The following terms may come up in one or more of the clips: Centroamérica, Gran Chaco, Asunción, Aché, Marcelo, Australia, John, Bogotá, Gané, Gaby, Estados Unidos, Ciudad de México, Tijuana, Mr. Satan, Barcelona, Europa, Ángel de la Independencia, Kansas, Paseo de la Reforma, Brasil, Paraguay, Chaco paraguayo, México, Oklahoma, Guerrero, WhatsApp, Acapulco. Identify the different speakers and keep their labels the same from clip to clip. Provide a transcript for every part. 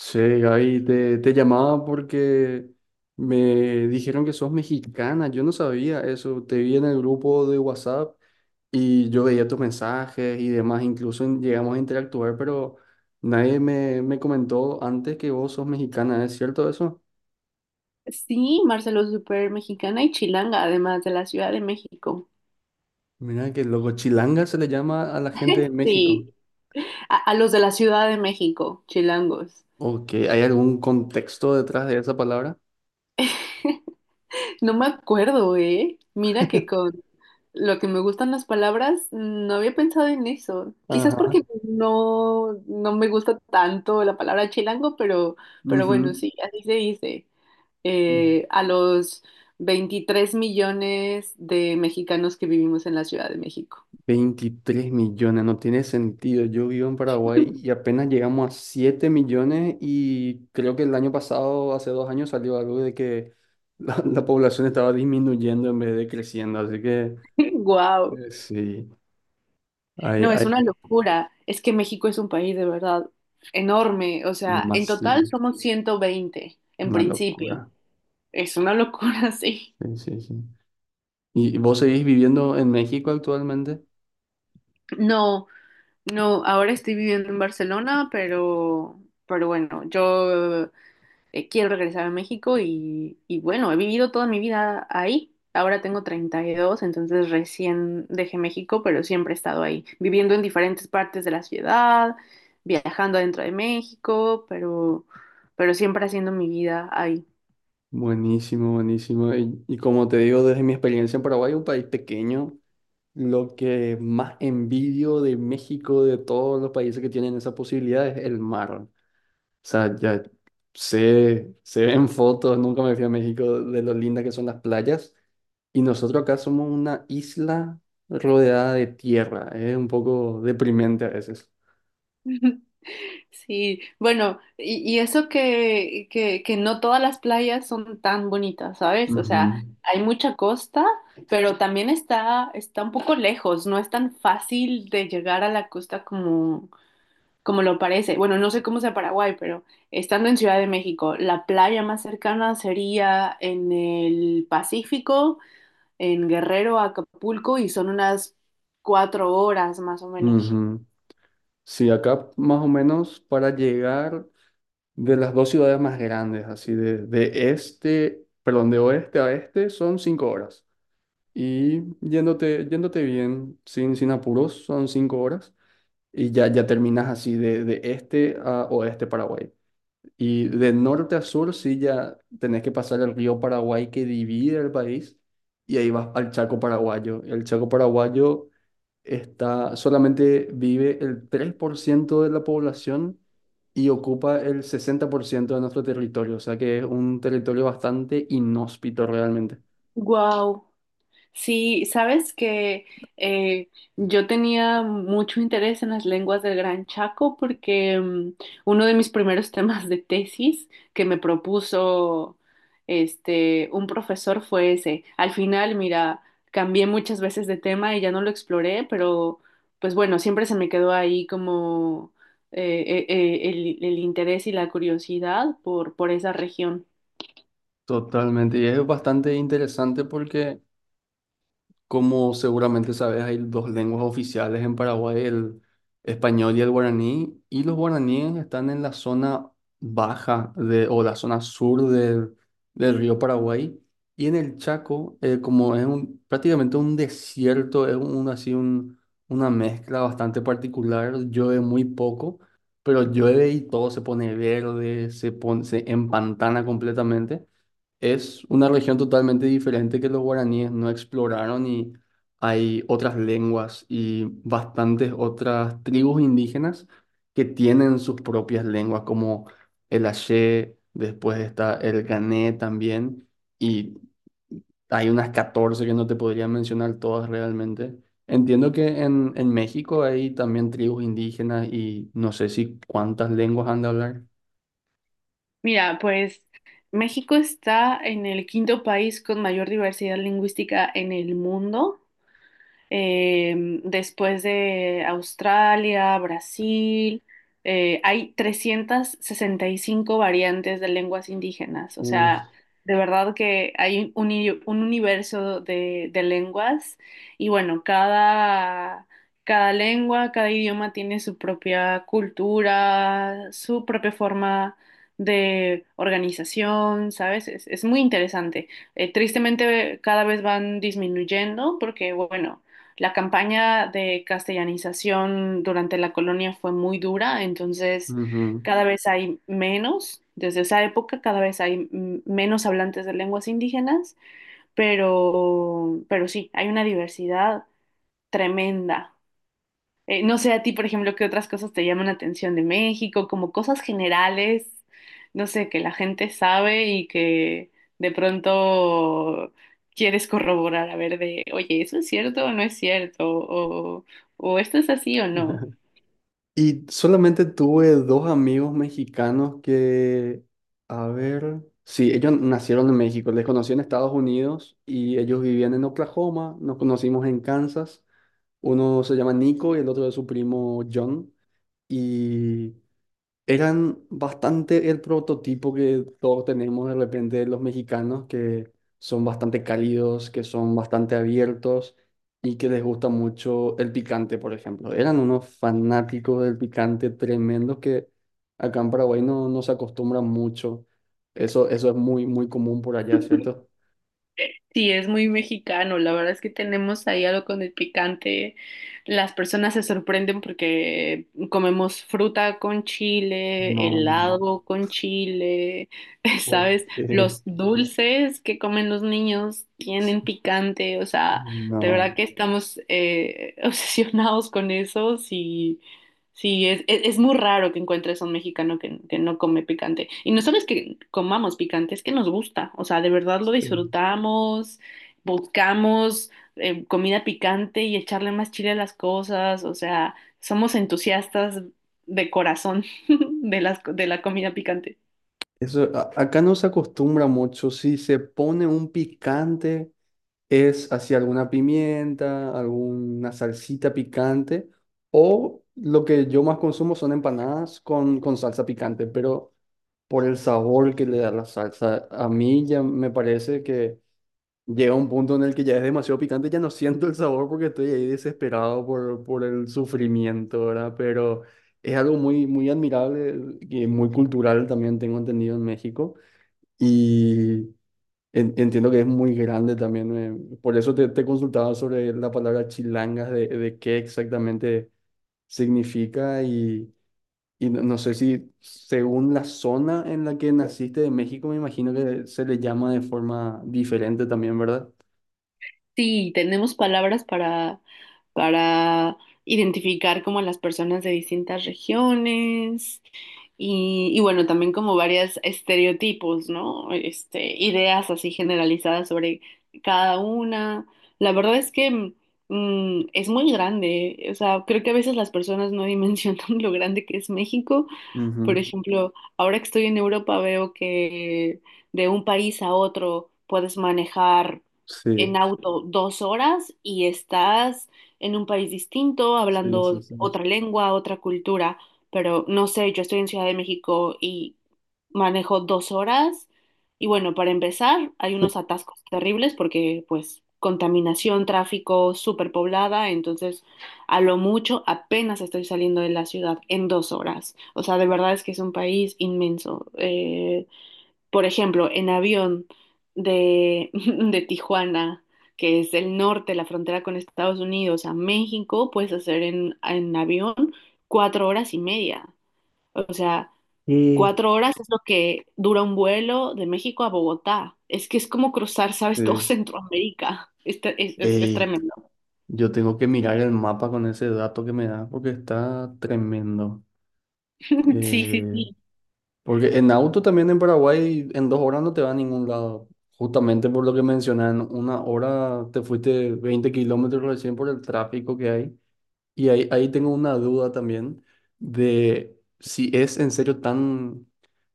Speaker 1: Sí, Gaby, te llamaba porque me dijeron que sos mexicana, yo no sabía eso, te vi en el grupo de WhatsApp y yo veía tus mensajes y demás, incluso llegamos a interactuar, pero nadie me comentó antes que vos sos mexicana, ¿es cierto eso?
Speaker 2: Sí, Marcelo, súper mexicana y chilanga, además de la Ciudad de México.
Speaker 1: Mira que loco, chilanga se le llama a la gente de México.
Speaker 2: Sí, a los de la Ciudad de México, chilangos.
Speaker 1: Ok, ¿hay algún contexto detrás de esa palabra?
Speaker 2: No me acuerdo, ¿eh? Mira que con lo que me gustan las palabras, no había pensado en eso. Quizás
Speaker 1: Ajá.
Speaker 2: porque no, no me gusta tanto la palabra chilango, pero bueno, sí, así se dice.
Speaker 1: Ujú.
Speaker 2: A los 23 millones de mexicanos que vivimos en la Ciudad de México.
Speaker 1: 23 millones, no tiene sentido. Yo vivo en Paraguay y apenas llegamos a 7 millones y creo que el año pasado, hace 2 años, salió algo de que la población estaba disminuyendo en vez de creciendo. Así que
Speaker 2: ¡Guau!
Speaker 1: sí, hay,
Speaker 2: No, es
Speaker 1: hay
Speaker 2: una locura. Es que México es un país de verdad enorme. O sea, en total
Speaker 1: masivo,
Speaker 2: somos 120 en
Speaker 1: una
Speaker 2: principio.
Speaker 1: locura.
Speaker 2: Es una locura, sí.
Speaker 1: Sí, sí, sí. ¿Y vos seguís viviendo en México actualmente?
Speaker 2: No, no, ahora estoy viviendo en Barcelona, pero bueno, yo quiero regresar a México y bueno, he vivido toda mi vida ahí. Ahora tengo 32 entonces recién dejé México, pero siempre he estado ahí, viviendo en diferentes partes de la ciudad, viajando adentro de México, pero siempre haciendo mi vida ahí.
Speaker 1: Buenísimo, buenísimo. Y como te digo, desde mi experiencia en Paraguay, un país pequeño. Lo que más envidio de México, de todos los países que tienen esa posibilidad, es el mar. O sea, ya sé, se ven fotos, nunca me fui a México, de lo lindas que son las playas. Y nosotros acá somos una isla rodeada de tierra. Es un poco deprimente a veces.
Speaker 2: Sí, bueno, y eso que no todas las playas son tan bonitas, ¿sabes? O
Speaker 1: Ujú,
Speaker 2: sea, hay mucha costa, pero también está un poco lejos, no es tan fácil de llegar a la costa como lo parece. Bueno, no sé cómo sea Paraguay, pero estando en Ciudad de México, la playa más cercana sería en el Pacífico, en Guerrero, Acapulco, y son unas 4 horas más o menos.
Speaker 1: ujú. Sí, acá más o menos para llegar de las dos ciudades más grandes, así de este, perdón, de oeste a este son 5 horas. Y yéndote bien, sin apuros, son 5 horas, y ya terminas así de este a oeste Paraguay. Y de norte a sur, sí, ya tenés que pasar el río Paraguay que divide el país, y ahí vas al Chaco paraguayo. El Chaco paraguayo está, solamente vive el 3% de la población y ocupa el 60% de nuestro territorio, o sea que es un territorio bastante inhóspito realmente.
Speaker 2: Wow. Sí, sabes que eh, yo tenía mucho interés en las lenguas del Gran Chaco porque uno de mis primeros temas de tesis que me propuso este un profesor fue ese. Al final, mira, cambié muchas veces de tema y ya no lo exploré, pero pues bueno, siempre se me quedó ahí como el interés y la curiosidad por esa región.
Speaker 1: Totalmente, y es bastante interesante porque, como seguramente sabes, hay dos lenguas oficiales en Paraguay, el español y el guaraní, y los guaraníes están en la zona baja de, o la zona sur del río Paraguay, y en el Chaco, como es un, prácticamente un desierto, es un, así un, una mezcla bastante particular, llueve muy poco, pero llueve y todo se pone verde, se pone, se empantana completamente. Es una región totalmente diferente que los guaraníes no exploraron y hay otras lenguas y bastantes otras tribus indígenas que tienen sus propias lenguas, como el Aché, después está el Gané también, y hay unas 14 que no te podría mencionar todas realmente. Entiendo que en México hay también tribus indígenas y no sé si cuántas lenguas han de hablar.
Speaker 2: Mira, pues México está en el quinto país con mayor diversidad lingüística en el mundo. Eh, Después de Australia, Brasil, hay 365 variantes de lenguas indígenas. O sea,
Speaker 1: Uf,
Speaker 2: de verdad que hay un universo de lenguas. Y bueno, cada lengua, cada idioma tiene su propia cultura, su propia forma de organización, ¿sabes? Es muy interesante. Tristemente cada vez van disminuyendo porque, bueno, la campaña de castellanización durante la colonia fue muy dura, entonces
Speaker 1: ujú.
Speaker 2: cada vez hay menos, desde esa época cada vez hay menos hablantes de lenguas indígenas, pero sí, hay una diversidad tremenda. No sé a ti, por ejemplo, qué otras cosas te llaman la atención de México, como cosas generales, no sé, que la gente sabe y que de pronto quieres corroborar, a ver de, oye, ¿eso es cierto o no es cierto? O esto es así o no.
Speaker 1: Y solamente tuve dos amigos mexicanos que, a ver, sí, ellos nacieron en México, les conocí en Estados Unidos y ellos vivían en Oklahoma, nos conocimos en Kansas, uno se llama Nico y el otro es su primo John, y eran bastante el prototipo que todos tenemos de repente de los mexicanos, que son bastante cálidos, que son bastante abiertos y que les gusta mucho el picante, por ejemplo. Eran unos fanáticos del picante tremendos que acá en Paraguay no, no se acostumbran mucho. Eso es muy, muy común por allá, ¿cierto?
Speaker 2: Sí, es muy mexicano. La verdad es que tenemos ahí algo con el picante. Las personas se sorprenden porque comemos fruta con
Speaker 1: No,
Speaker 2: chile, helado con chile,
Speaker 1: ¿por
Speaker 2: ¿sabes?
Speaker 1: qué?
Speaker 2: Los dulces que comen los niños tienen picante. O sea, de verdad
Speaker 1: No.
Speaker 2: que estamos obsesionados con eso. Sí. Sí, es muy raro que encuentres a un mexicano que no come picante. Y no solo es que comamos picante, es que nos gusta. O sea, de verdad lo
Speaker 1: Sí.
Speaker 2: disfrutamos, buscamos comida picante y echarle más chile a las cosas. O sea, somos entusiastas de corazón de la comida picante.
Speaker 1: Eso, acá no se acostumbra mucho. Si se pone un picante, es hacia alguna pimienta, alguna salsita picante, o lo que yo más consumo son empanadas con salsa picante, pero por el sabor que le da la salsa, a mí ya me parece que llega un punto en el que ya es demasiado picante, ya no siento el sabor porque estoy ahí desesperado por el sufrimiento, ¿verdad? Pero es algo muy, muy admirable y muy cultural también tengo entendido en México. Y entiendo que es muy grande también. Por eso te consultaba sobre la palabra chilangas, de qué exactamente significa y no, no sé si según la zona en la que naciste de México, me imagino que se le llama de forma diferente también, ¿verdad?
Speaker 2: Sí, tenemos palabras para identificar como a las personas de distintas regiones y bueno, también como varios estereotipos, ¿no? Este, ideas así generalizadas sobre cada una. La verdad es que es muy grande, o sea, creo que a veces las personas no dimensionan lo grande que es México por
Speaker 1: Ujú.
Speaker 2: ejemplo, ahora que estoy en Europa veo que de un país a otro puedes manejar en
Speaker 1: Sí,
Speaker 2: auto 2 horas y estás en un país distinto,
Speaker 1: sí, sí,
Speaker 2: hablando
Speaker 1: sí.
Speaker 2: otra lengua, otra cultura. Pero no sé, yo estoy en Ciudad de México y manejo 2 horas y bueno, para empezar, hay unos atascos terribles porque pues contaminación, tráfico, superpoblada, entonces a lo mucho apenas estoy saliendo de la ciudad en 2 horas. O sea, de verdad es que es un país inmenso. Por ejemplo, en avión de, de Tijuana, que es el norte, la frontera con Estados Unidos, a México, puedes hacer en avión 4 horas y media. O sea,
Speaker 1: Y
Speaker 2: 4 horas es lo que dura un vuelo de México a Bogotá. Es que es como cruzar, ¿sabes? Todo
Speaker 1: Es-
Speaker 2: Centroamérica. Es
Speaker 1: Ey,
Speaker 2: tremendo.
Speaker 1: yo tengo que mirar el mapa con ese dato que me da porque está tremendo.
Speaker 2: Sí, sí,
Speaker 1: Eh,
Speaker 2: sí.
Speaker 1: Porque en auto también en Paraguay en 2 horas no te va a ningún lado. Justamente por lo que mencionan, 1 hora te fuiste 20 kilómetros recién por el tráfico que hay. Y ahí tengo una duda también de si es en serio tan...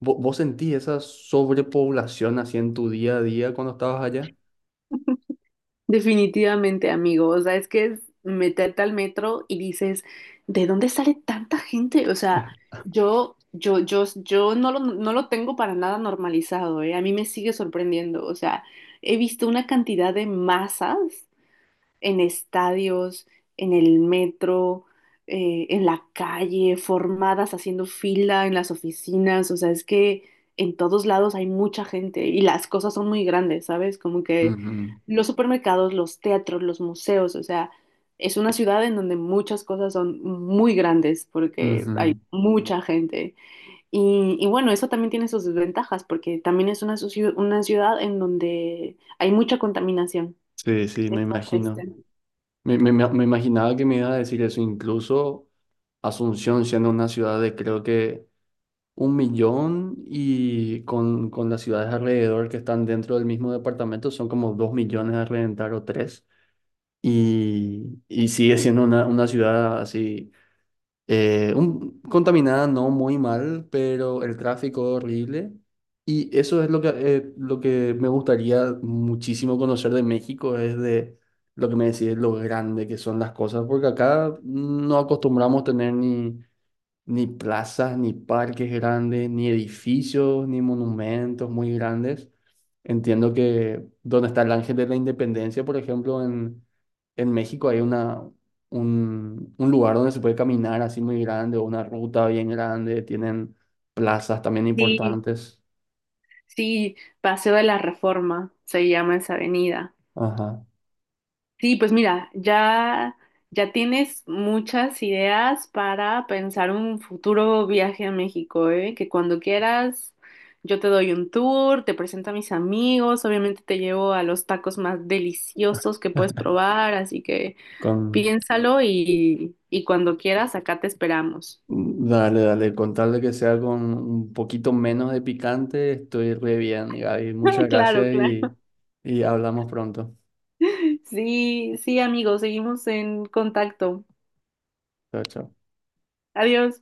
Speaker 1: ¿Vos sentís esa sobrepoblación así en tu día a día cuando estabas allá?
Speaker 2: Definitivamente, amigo. O sea, es que es meterte al metro y dices, ¿de dónde sale tanta gente? O sea, yo no lo tengo para nada normalizado, ¿eh? A mí me sigue sorprendiendo. O sea, he visto una cantidad de masas en estadios, en el metro, en la calle, formadas haciendo fila en las oficinas, o sea, es que en todos lados hay mucha gente y las cosas son muy grandes, ¿sabes? Como que
Speaker 1: Ujú,
Speaker 2: los supermercados, los teatros, los museos, o sea, es una ciudad en donde muchas cosas son muy grandes porque hay
Speaker 1: ujú.
Speaker 2: mucha gente. Y bueno, eso también tiene sus desventajas porque también es una ciudad en donde hay mucha contaminación.
Speaker 1: Sí, sí, me
Speaker 2: Está triste.
Speaker 1: imagino. Me imaginaba que me iba a decir eso, incluso Asunción siendo una ciudad de creo que 1 millón y con las ciudades alrededor que están dentro del mismo departamento son como 2 millones a reventar o tres. Y sigue siendo una ciudad así, contaminada no muy mal, pero el tráfico horrible. Y eso es lo que me gustaría muchísimo conocer de México, es de lo que me decís, lo grande que son las cosas, porque acá no acostumbramos tener ni plazas, ni parques grandes, ni edificios, ni monumentos muy grandes. Entiendo que donde está el Ángel de la Independencia, por ejemplo, en México hay un lugar donde se puede caminar así muy grande, o una ruta bien grande, tienen plazas también
Speaker 2: Sí,
Speaker 1: importantes.
Speaker 2: sí, Paseo de la Reforma se llama esa avenida.
Speaker 1: Ajá.
Speaker 2: Sí, pues mira, ya tienes muchas ideas para pensar un futuro viaje a México, ¿eh? Que cuando quieras yo te doy un tour, te presento a mis amigos, obviamente te llevo a los tacos más deliciosos que puedes probar, así que
Speaker 1: Con,
Speaker 2: piénsalo y cuando quieras acá te esperamos.
Speaker 1: dale, dale, con tal de que sea con un poquito menos de picante, estoy re bien, Gaby. Muchas
Speaker 2: Claro,
Speaker 1: gracias
Speaker 2: claro.
Speaker 1: y hablamos pronto.
Speaker 2: Sí, sí, amigos, seguimos en contacto.
Speaker 1: Chao, chao.
Speaker 2: Adiós.